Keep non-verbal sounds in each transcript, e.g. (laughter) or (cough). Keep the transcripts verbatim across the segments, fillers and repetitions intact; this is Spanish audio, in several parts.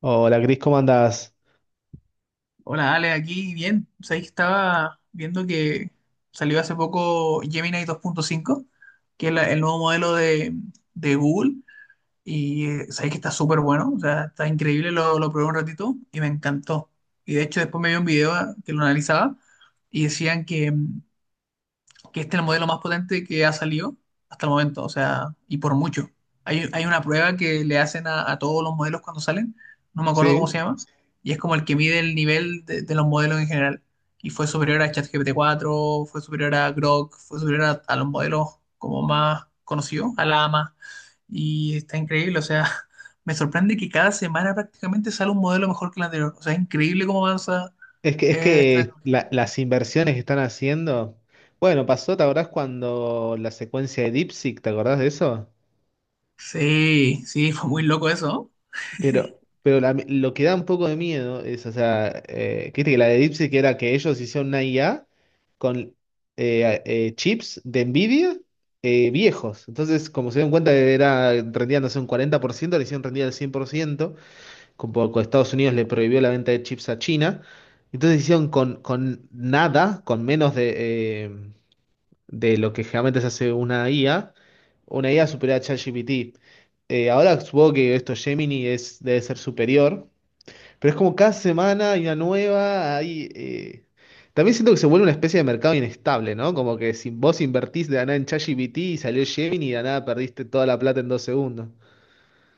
Hola, Cris, ¿cómo andás? Hola, Ale, aquí bien. Sabéis que estaba viendo que salió hace poco Gemini dos punto cinco, que es la- el nuevo modelo de, de Google, y eh, sabéis que está súper bueno, o sea, está increíble, lo, lo probé un ratito y me encantó. Y de hecho después me vi un video ah, que lo analizaba y decían que, mm, que este es el modelo más potente que ha salido hasta el momento, o sea, y por mucho. Hay, hay una prueba que le hacen a, a todos los modelos cuando salen, no me acuerdo cómo se Sí. llama, y es como el que mide el nivel de, de los modelos en general. Y fue superior a ChatGPT cuatro, fue superior a Grok, fue superior a, a los modelos como más conocidos, a Llama, y está increíble, o sea, (laughs) me sorprende que cada semana prácticamente sale un modelo mejor que el anterior, o sea, es increíble cómo avanza Es que, es eh, esta que tecnología. la- las inversiones que están haciendo. Bueno, pasó, ¿te acordás cuando la secuencia de DeepSeek, ¿te acordás de eso? Sí, sí, (laughs) fue muy loco eso, ¿no? Pero, pero la- lo que da un poco de miedo es, o sea, eh, que viste que la de DeepSeek era que ellos hicieron una I A con eh, eh, chips de Nvidia eh, viejos. Entonces, como se dieron cuenta que era rendían, no sé, un cuarenta por ciento le hicieron rendir al cien por ciento como con Estados Unidos le prohibió la venta de chips a China. Entonces hicieron con, con nada, con menos de, eh, de lo que generalmente se hace una I A, una I A superior a ChatGPT. Eh, ahora supongo que esto Gemini es, debe ser superior, pero es como cada semana hay una nueva, hay, eh, también siento que se vuelve una especie de mercado inestable, ¿no? Como que si vos invertís de la nada en ChatGPT y salió Gemini y de la nada perdiste toda la plata en dos segundos.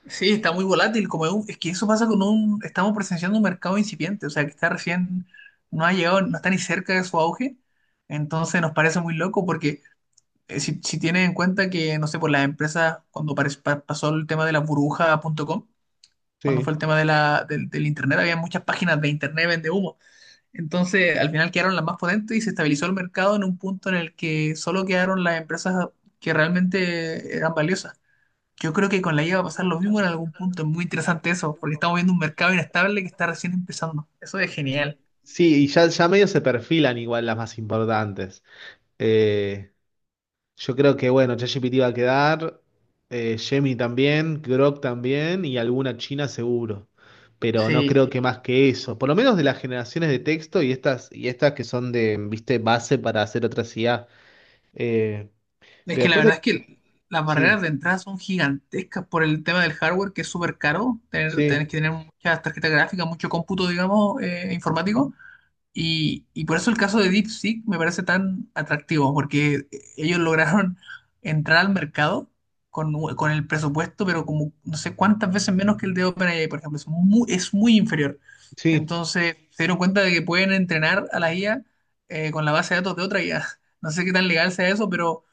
Sí, está muy volátil, como es, un- es que eso pasa con un, estamos presenciando un mercado incipiente, o sea, que está recién, no ha llegado, no está ni cerca de su auge, entonces nos parece muy loco porque eh, si, si tienes en cuenta que, no sé, por las empresas, cuando pare- pa- pasó el tema de la burbuja punto com cuando Sí. fue el tema de la, del, del Internet, había muchas páginas de Internet vende humo, entonces al final quedaron las más potentes y se estabilizó el mercado en un punto en el que solo quedaron las empresas que realmente eran valiosas. Yo creo que con la I A va a pasar lo mismo en algún punto. Es muy interesante eso, porque estamos viendo un mercado inestable que está recién empezando. Eso es genial. Sí, y ya, ya medio se perfilan igual las más importantes. Eh, yo creo que, bueno, ChatGPT va a quedar, eh, Gemini también, Grok también y alguna china seguro. Pero no Sí, creo que más que eso. Por lo menos de las generaciones de texto y estas, y estas que son de, viste, base para hacer otras I A. Eh, es pero que la después hay- verdad es que las Sí, barreras de entrada son gigantescas por el tema del hardware, que es súper caro. Tener, tenés sí, que tener muchas tarjetas gráficas, mucho cómputo, digamos, eh, informático. Y, y por eso el caso de DeepSeek me parece tan atractivo, porque ellos lograron entrar al mercado con, con el presupuesto, pero como no sé cuántas veces menos que el de OpenAI, por ejemplo, es muy, es muy inferior. sí. Entonces se dieron cuenta de que pueden entrenar a la I A eh, con la base de datos de otra I A. (laughs) No sé qué tan legal sea eso, pero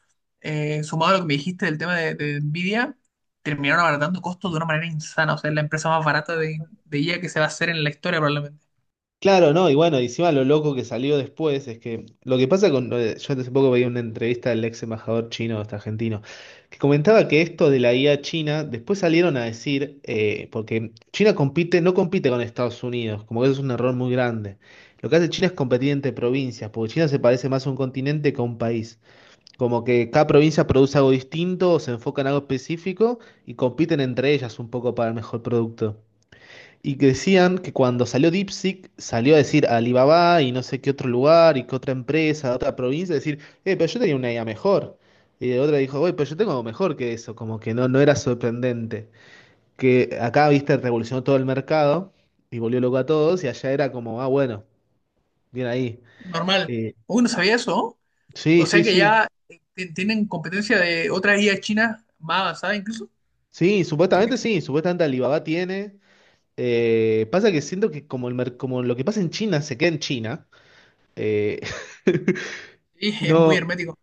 eh, sumado a lo que me dijiste del tema de, de Nvidia, terminaron abaratando costos de una manera insana. O sea, es la empresa más barata de, de I A que se va a hacer en la historia probablemente. Claro, no, y bueno, y encima lo loco que salió después es que lo que pasa con. eh, Yo hace poco veía una entrevista del ex embajador chino, este argentino, que comentaba que esto de la I A china, después salieron a decir, eh, porque China compite, no compite con Estados Unidos, como que eso es un error muy grande. Lo que hace China es competir entre provincias, porque China se parece más a un continente que a un país. Como que cada provincia produce algo distinto, o se enfoca en algo específico y compiten entre ellas un poco para el mejor producto. Y que decían que cuando salió DeepSeek, salió a decir a Alibaba y no sé qué otro lugar y qué otra empresa, otra provincia, decir, eh, pero yo tenía una idea mejor. Y otra dijo, güey, pero yo tengo algo mejor que eso, como que no, no era sorprendente. Que acá, viste, revolucionó todo el mercado y volvió loco a todos y allá era como, ah, bueno, bien ahí. Normal. Eh, Uy, no sabía eso, ¿no? sí, O sea sí, que sí. ya eh, ti- tienen competencia de otras I A chinas más avanzadas incluso. Sí, supuestamente Que- sí, supuestamente Alibaba tiene. Eh, pasa que siento que como, el mer- como lo que pasa en China se queda en China. eh, (laughs) Sí, (laughs) es muy no, hermético.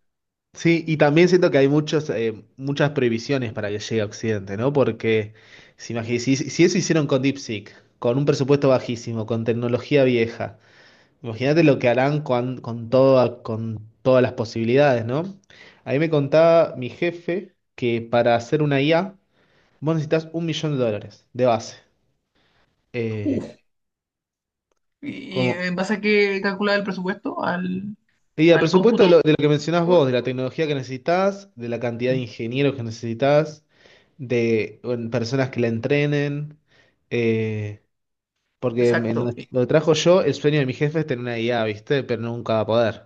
sí, y también siento que hay muchos, eh, muchas prohibiciones para que llegue a Occidente, ¿no? Porque si, imagi- si, si eso hicieron con DeepSeek, con un presupuesto bajísimo, con tecnología vieja, imagínate lo que harán con, con, toda- con todas las posibilidades, ¿no? Ahí me contaba mi jefe que para hacer una I A, vos necesitas un millón de dólares de base. Eh, Uf. ¿Y y como en base a qué calcula el presupuesto? Al, Y el al presupuesto cómputo. de lo, de lo que mencionás vos, de la tecnología que necesitas, de la cantidad de ingenieros que necesitas, de bueno, personas que la entrenen, eh, porque en Exacto. donde, donde trabajo yo, el sueño de mi jefe es tener una I A, ¿viste? Pero nunca va a poder.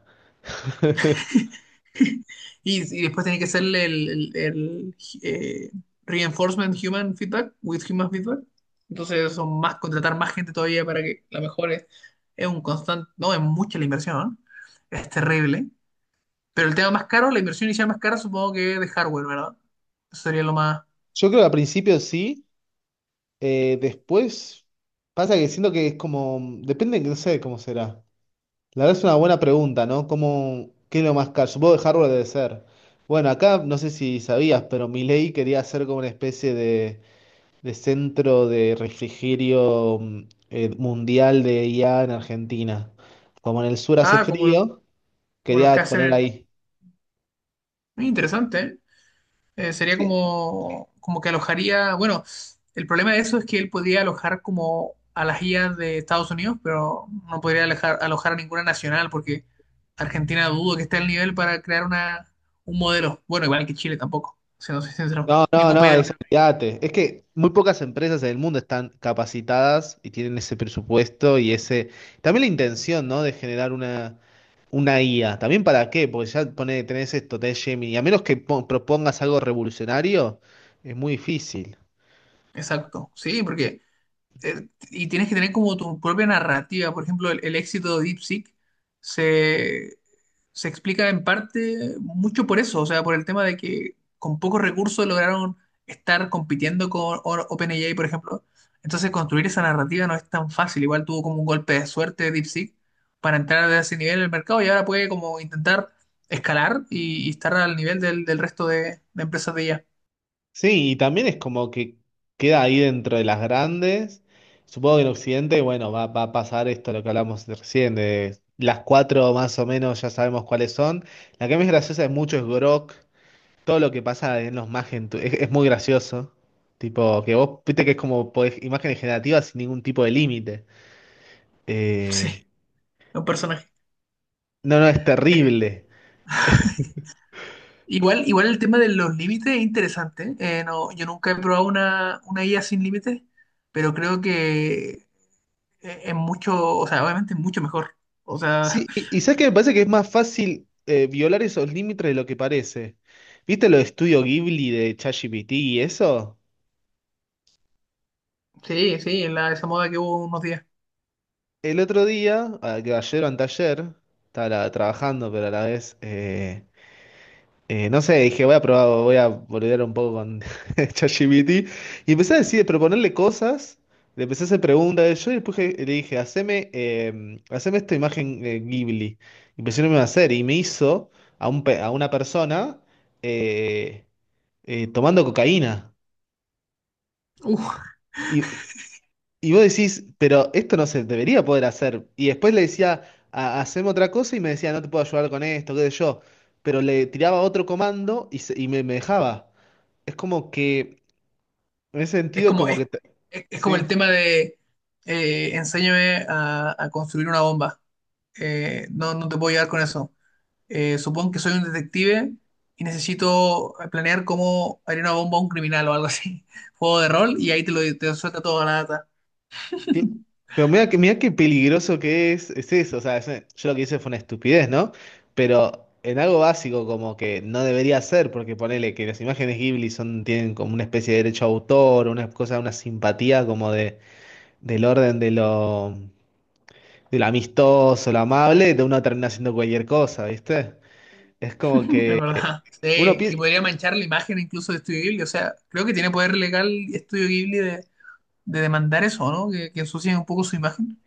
(laughs) Y, y después tiene que hacerle el, el- el, eh, reinforcement human feedback with human feedback. Entonces son más, contratar más gente todavía para que la mejore. Es un constante, no, es mucha la inversión, ¿eh? Es terrible. Pero el tema más caro, la inversión inicial más cara, supongo que es de hardware, ¿verdad? Eso sería lo más. Yo creo que al principio sí, eh, después pasa que siento que es como, depende, no sé cómo será. La verdad es una buena pregunta, ¿no? ¿Cómo, qué es lo más caro? Supongo que hardware debe ser. Bueno, acá no sé si sabías, pero mi ley quería hacer como una especie de de centro de refrigerio mm, eh, mundial de I A en Argentina. Como en el sur hace Ah, como, lo- frío, como los que quería hacen poner en- ahí. Muy interesante, ¿eh? Eh, sería Sí. como, como que alojaría. Bueno, el problema de eso es que él podría alojar como a las I As de Estados Unidos, pero no podría alojar, alojar a ninguna nacional, porque Argentina dudo que esté al nivel para crear una, un modelo. Bueno, igual que Chile tampoco, siendo sincero. No, no, Ningún no, país es, del. olvídate. Es que muy pocas empresas en el mundo están capacitadas y tienen ese presupuesto y ese. También la intención, ¿no? De generar una, una I A. ¿También para qué? Porque ya pone, tenés esto, tenés Gemini. Y a menos que po- propongas algo revolucionario, es muy difícil. Exacto. Sí, porque eh, y tienes que tener como tu propia narrativa. Por ejemplo, el, el éxito de DeepSeek se, se explica en parte mucho por eso, o sea, por el tema de que con pocos recursos lograron estar compitiendo con O- OpenAI, por ejemplo. Entonces, construir esa narrativa no es tan fácil. Igual tuvo como un golpe de suerte de DeepSeek para entrar a ese nivel en el mercado y ahora puede como intentar escalar y, y estar al nivel del, del resto de, de empresas de I A. Sí, y también es como que queda ahí dentro de las grandes. Supongo que en Occidente, bueno, va, va a pasar esto, lo que hablamos recién, de las cuatro más o menos ya sabemos cuáles son. La que más graciosa es mucho es Grok, todo lo que pasa en los Magen tu- es, es muy gracioso. Tipo, que vos viste que es como podés- imágenes generativas sin ningún tipo de límite. Sí, Eh, un personaje. no, no, es terrible. Igual, igual el tema de los límites es interesante. Eh, no, yo nunca he probado una, una I A sin límites, pero creo que es es mucho, o sea, obviamente es mucho mejor. O sea, Sí, y, y sabes que me parece que es más fácil eh, violar esos límites de lo que parece. ¿Viste lo de Estudio Ghibli de ChatGPT y eso? (laughs) sí, sí, en la, esa moda que hubo unos días. El otro día, a- que ayer o anteayer, estaba la- trabajando, pero a la vez, eh, eh, no sé, dije, voy a probar, voy a boludear un poco con (laughs) ChatGPT. Y empecé a decir, proponerle cosas, le empecé a hacer preguntas yo y después le dije, haceme, eh, haceme esta imagen eh, Ghibli. Y empecé a hacer y me hizo a, un, pe- a una persona. eh, eh, tomando cocaína. Uf, Y, y vos decís, pero esto no se debería poder hacer. Y después le decía, "Ha- haceme otra cosa y me decía, no te puedo ayudar con esto, qué sé yo. Pero le tiraba otro comando y, se- y me, me dejaba. Es como que, en ese es sentido, como, como es, que... te- es- es como Sí. el tema de eh, enséñame a, a construir una bomba. Eh, no, no te puedo ayudar con eso. eh, supongo que soy un detective y necesito eh, planear cómo haría una bomba a un criminal o algo así. (laughs) Juego de rol y ahí te lo te suelta toda la data. Sí, pero mira que, mira qué peligroso que es, es eso. O sea, es- yo lo que hice fue una estupidez, ¿no? Pero en algo básico como que no debería ser, porque ponele que las imágenes Ghibli son, tienen como una especie de derecho a autor, una cosa, una simpatía como de, del orden de lo, de lo amistoso, lo amable, de uno termina haciendo cualquier cosa, ¿viste? Es como Es que verdad. (laughs) uno Sí. Y piensa. podría manchar la imagen incluso de Estudio Ghibli. O sea, creo que tiene poder legal Estudio Ghibli de, de demandar eso, ¿no? Que, que ensucien un poco su imagen.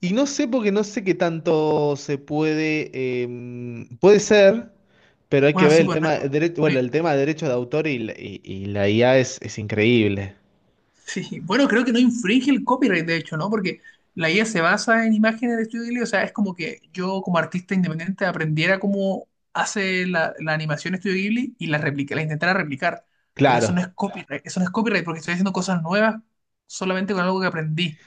Y no sé porque no sé qué tanto se puede, eh, puede ser, pero hay que Bueno, ver sí, el pues no, tema de derecho, no bueno, el tema de derechos de autor y la, y- y la I A es, es increíble. sí, bueno, creo que no infringe el copyright, de hecho, ¿no? Porque la I A se basa en imágenes de Studio Ghibli, o sea, es como que yo como artista independiente aprendiera cómo hace la, la animación Studio Ghibli y la, replica, la intentara replicar. Pero eso no es Claro. Claro. copyright, eso no es copyright porque estoy haciendo cosas nuevas solamente con algo que aprendí.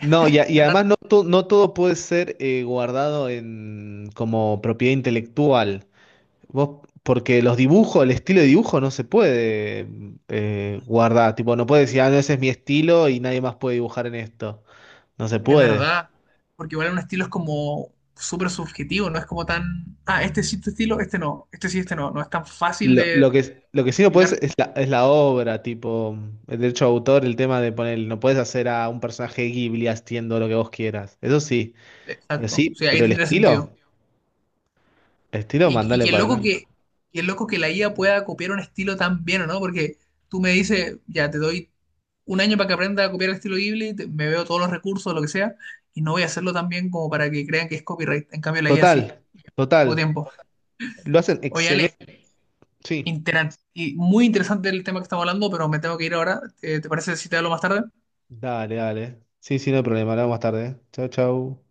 No, y, a- y Es raro, además no, to- no todo puede ser eh, guardado en, como propiedad intelectual. Vos, porque los dibujos, el estilo de dibujo no se puede em, eh, guardar. Tipo, no puedes decir, ah, no, ese es mi estilo y nadie más puede dibujar en esto. No se es puede. verdad, porque igual un estilo es como súper subjetivo, no es como tan, ah, este sí, este estilo, este no, este sí, este no, no es tan fácil Lo, lo de que, lo que sí no puedes explicar. es la, es la obra, tipo, el derecho de autor, el tema de poner, no puedes hacer a un personaje Ghibli haciendo lo que vos quieras. Eso sí, pero Exacto, sí, sí, ahí pero el tendría estilo, sentido. el estilo, Y, y mandale qué para loco adelante. que, qué loco que la I A pueda copiar un estilo tan bien, ¿o no? Porque tú me dices, ya te doy un año para que aprenda a copiar el estilo Ghibli, te- me veo todos los recursos, lo que sea, y no voy a hacerlo tan bien como para que crean que es copyright. En cambio, la I A sí, Total, poco total. tiempo. Lo hacen Oye, Ale, excelente. Sí, interan- y muy interesante el tema que estamos hablando, pero me tengo que ir ahora. Eh, ¿Te parece si te hablo más tarde? dale, dale. Sí, sí, no hay problema. Hablamos más tarde. ¿Eh? Chau, chau.